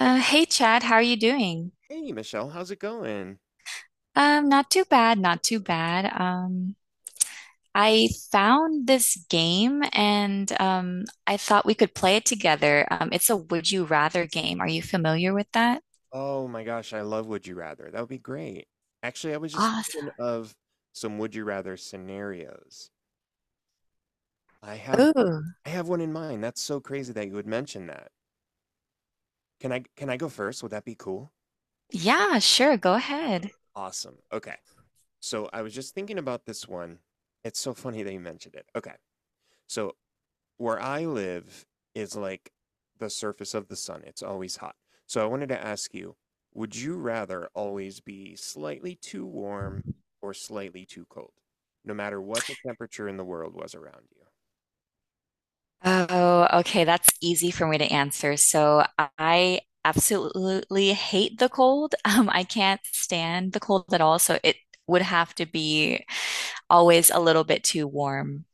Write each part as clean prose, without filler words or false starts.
Hey Chad, how are you doing? Hey, Michelle, how's it going? Not too bad, not too bad. I found this game and I thought we could play it together. It's a Would You Rather game. Are you familiar with that? Oh my gosh, I love Would You Rather. That would be great. Actually, I was just Awesome. thinking of some Would You Rather scenarios. I have Oh, I have one in mind. That's so crazy that you would mention that. Can I go first? Would that be cool? yeah, sure, go ahead. Awesome. Okay. So I was just thinking about this one. It's so funny that you mentioned it. Okay. So where I live is like the surface of the sun. It's always hot. So I wanted to ask you, would you rather always be slightly too warm or slightly too cold, no matter what the temperature in the world was around you? Oh, okay, that's easy for me to answer. So I absolutely hate the cold. I can't stand the cold at all, so it would have to be always a little bit too warm.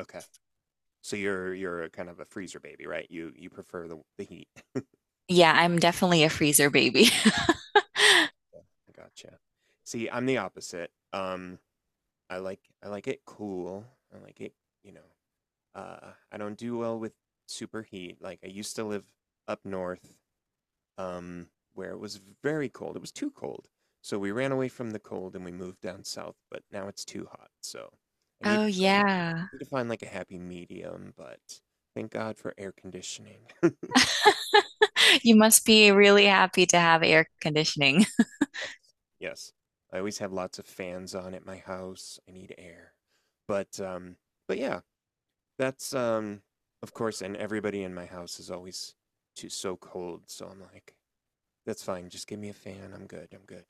Okay. So you're a kind of a freezer baby, right? You prefer the heat. Yeah, I'm definitely a freezer baby. Gotcha. See, I'm the opposite. I like it cool. I like it, you know. I don't do well with super heat. Like I used to live up north, um, where it was very cold. It was too cold. So we ran away from the cold and we moved down south, but now it's too hot. So I Oh, yeah. need to find like a happy medium, but thank God for air conditioning. You must be really happy to have air conditioning. Yes. Yes. I always have lots of fans on at my house. I need air. But um but yeah, that's of course, and everybody in my house is always too so cold, so I'm like, that's fine, just give me a fan. I'm good. I'm good.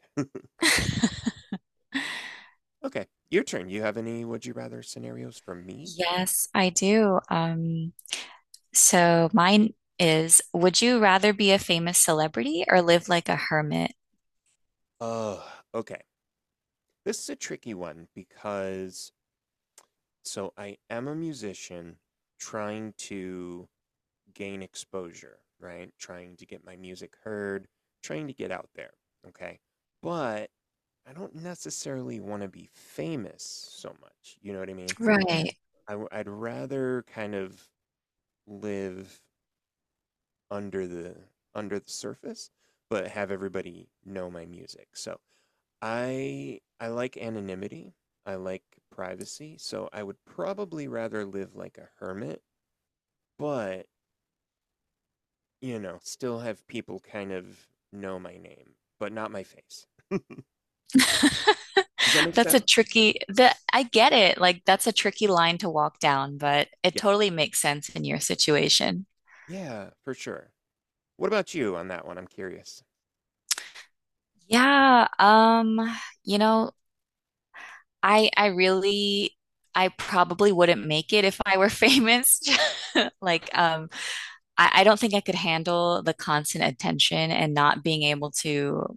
Okay. Your turn. You have any would you rather scenarios for me? Yes, I do. So mine is, would you rather be a famous celebrity or live like a hermit? Oh, okay. This is a tricky one because so I am a musician trying to gain exposure, right? Trying to get my music heard, trying to get out there, okay? But I don't necessarily want to be famous so much. You know what I mean? Right. I'd rather kind of live under the under the surface, but have everybody know my music. So I like anonymity. I like privacy, so I would probably rather live like a hermit, but you know, still have people kind of know my name, but not my face. Does that make That's sense? a tricky, the, I get it. Like that's a tricky line to walk down, but it Yeah. totally makes sense in your situation. Yeah, for sure. What about you on that one? I'm curious. Yeah, you know, I really I probably wouldn't make it if I were famous. Like, I don't think I could handle the constant attention and not being able to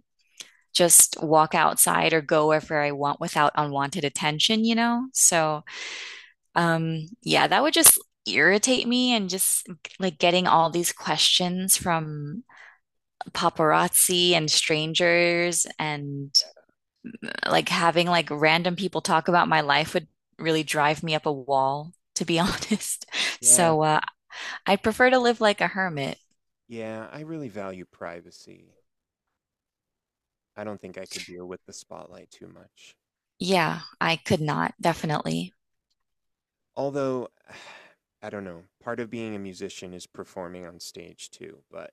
just walk outside or go wherever I want without unwanted attention? So, yeah, that would just irritate me and just like getting all these questions from paparazzi and strangers and like having like random people talk about my life would really drive me up a wall, to be honest. Yeah. So I prefer to live like a hermit. Yeah, I really value privacy. I don't think I could deal with the spotlight too much. Yeah, I could not, definitely. Although, I don't know, part of being a musician is performing on stage too, but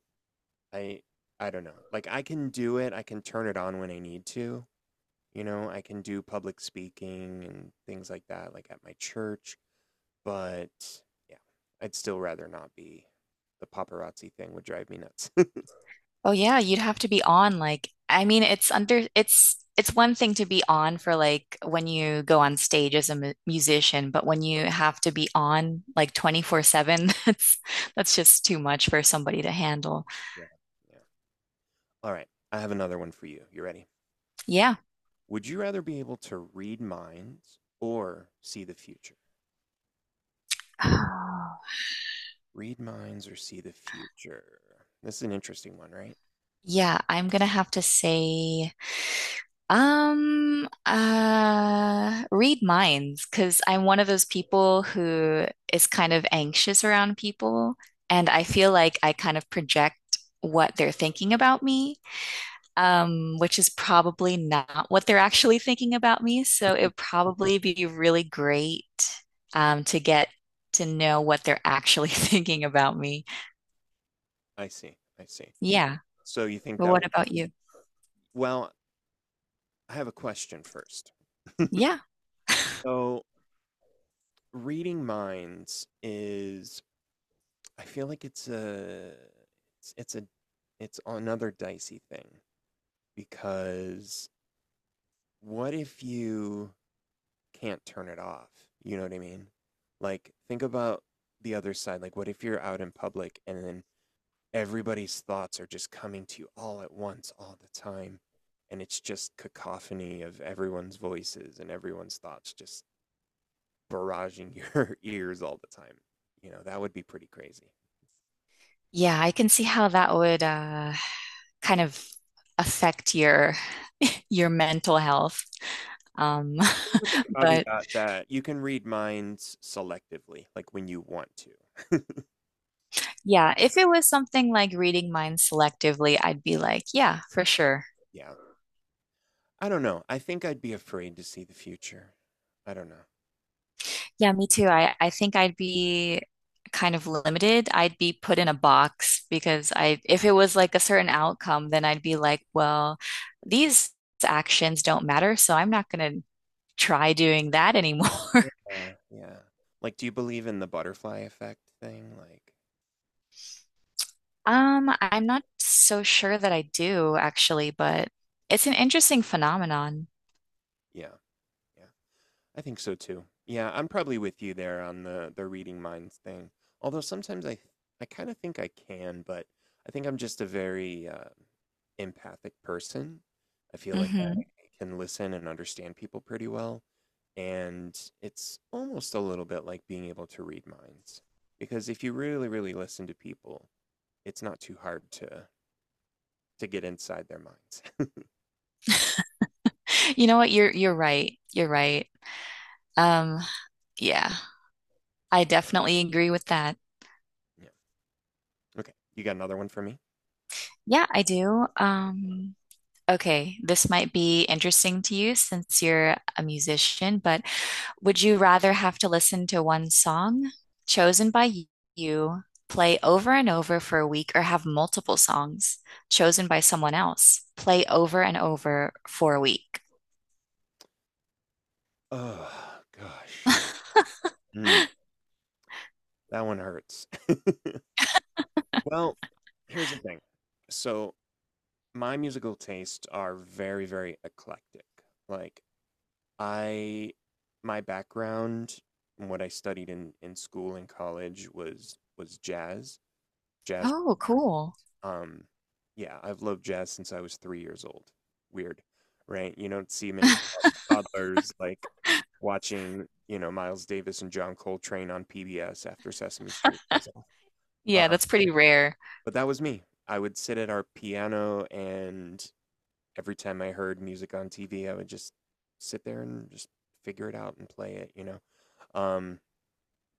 I I don't know. Like I can do it, I can turn it on when I need to. You know, I can do public speaking and things like that, like at my church. But yeah, I'd still rather not be. The paparazzi thing would drive me nuts. Oh yeah, you'd have to be on like I mean it's under it's one thing to be on for like when you go on stage as a mu musician, but when you have to be on like 24/7, that's just too much for somebody to handle. Yeah. Yeah. All right. I have another one for you. You ready? Yeah. Would you rather be able to read minds or see the future? Read minds or see the future? This is an interesting one, right? Yeah, I'm gonna have to say read minds, because I'm one of those people who is kind of anxious around people, and I feel like I kind of project what they're thinking about me, which is probably not what they're actually thinking about me. So it'd probably be really great, to get to know what they're actually thinking about me. I see. I see. Yeah. So you think But that what would, about you? well, I have a question first. Yeah. So reading minds is, I feel like it's, it's a, it's another dicey thing because what if you can't turn it off? You know what I mean? Like, think about the other side. Like, what if you're out in public and then everybody's thoughts are just coming to you all at once, all the time? And it's just cacophony of everyone's voices and everyone's thoughts just barraging your ears all the time. You know, that would be pretty crazy. Yeah, I can see how that would, kind of affect your mental health. Um, With the but caveat that you can read minds selectively, like when you want to. yeah, if it was something like reading minds selectively, I'd be like, yeah, for sure. Yeah. I don't know. I think I'd be afraid to see the future. I don't know. Yeah, me too. I think I'd be kind of limited. I'd be put in a box because I, if it was like a certain outcome, then I'd be like, well, these actions don't matter, so I'm not going to try doing that anymore. Yeah. Yeah, yeah. Like, do you believe in the butterfly effect thing? Like, I'm not so sure that I do actually, but it's an interesting phenomenon. yeah, yeah. I think so too. Yeah, I'm probably with you there on the reading minds thing. Although sometimes I kind of think I can, but I think I'm just a very empathic person. I feel like Hmm. I can listen and understand people pretty well, and it's almost a little bit like being able to read minds. Because if you really, really listen to people, it's not too hard to get inside their minds. You know what? You're right. You're right. Um, yeah, I definitely agree with that. Yeah. Okay. You got another one for me? Yeah, I do. Okay, this might be interesting to you since you're a musician, but would you rather have to listen to one song chosen by you play over and over for a week or have multiple songs chosen by someone else play over and over for a week? Oh gosh. That one hurts. Well, here's the thing. So, my musical tastes are very, very eclectic. Like, I, my background and what I studied in school and college was jazz. Jazz, Oh, cool. um, yeah, I've loved jazz since I was 3 years old. Weird, right? You don't see many toddlers like watching, you know, Miles Davis and John Coltrane on PBS after Sesame Street goes off. Yeah, that's pretty rare. But that was me. I would sit at our piano, and every time I heard music on TV, I would just sit there and just figure it out and play it, you know? Um,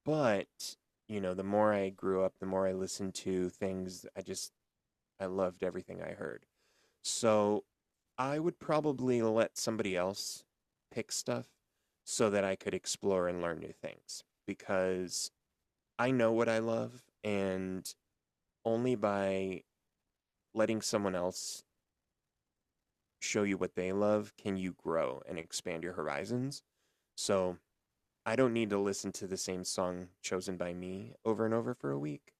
but, you know, the more I grew up, the more I listened to things, I loved everything I heard. So I would probably let somebody else pick stuff so that I could explore and learn new things because I know what I love, and only by letting someone else show you what they love, can you grow and expand your horizons? So I don't need to listen to the same song chosen by me over and over for a week.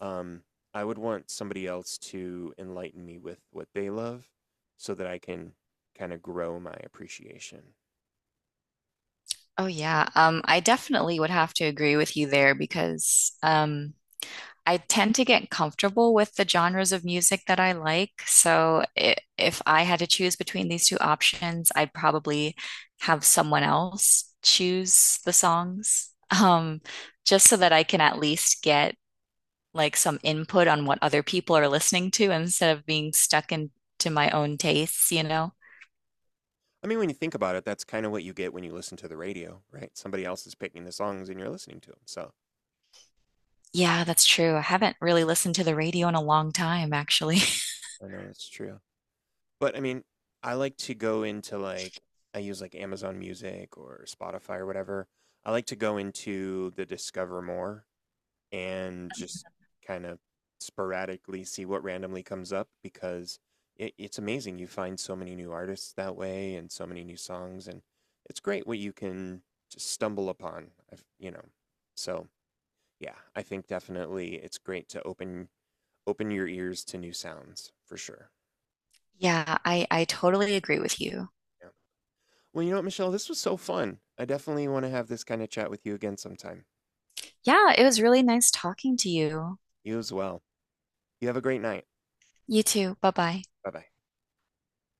Um, I would want somebody else to enlighten me with what they love so that I can kind of grow my appreciation. Oh yeah. I definitely would have to agree with you there because I tend to get comfortable with the genres of music that I like. So I if I had to choose between these two options, I'd probably have someone else choose the songs, um, just so that I can at least get like some input on what other people are listening to instead of being stuck into my own tastes, you know? I mean, when you think about it, that's kind of what you get when you listen to the radio, right? Somebody else is picking the songs and you're listening to them. So Yeah, that's true. I haven't really listened to the radio in a long time, actually. I know that's true. But I mean, I like to go into like I use like Amazon Music or Spotify or whatever. I like to go into the Discover More and just kind of sporadically see what randomly comes up because it's amazing. You find so many new artists that way and so many new songs, and it's great what you can just stumble upon. I've, you know, so yeah, I think definitely it's great to open your ears to new sounds for sure. Yeah, I totally agree with you. Yeah. Well, you know what, Michelle? This was so fun. I definitely want to have this kind of chat with you again sometime. Yeah, it was really nice talking to you. You as well. You have a great night. You too. Bye bye. Bye bye.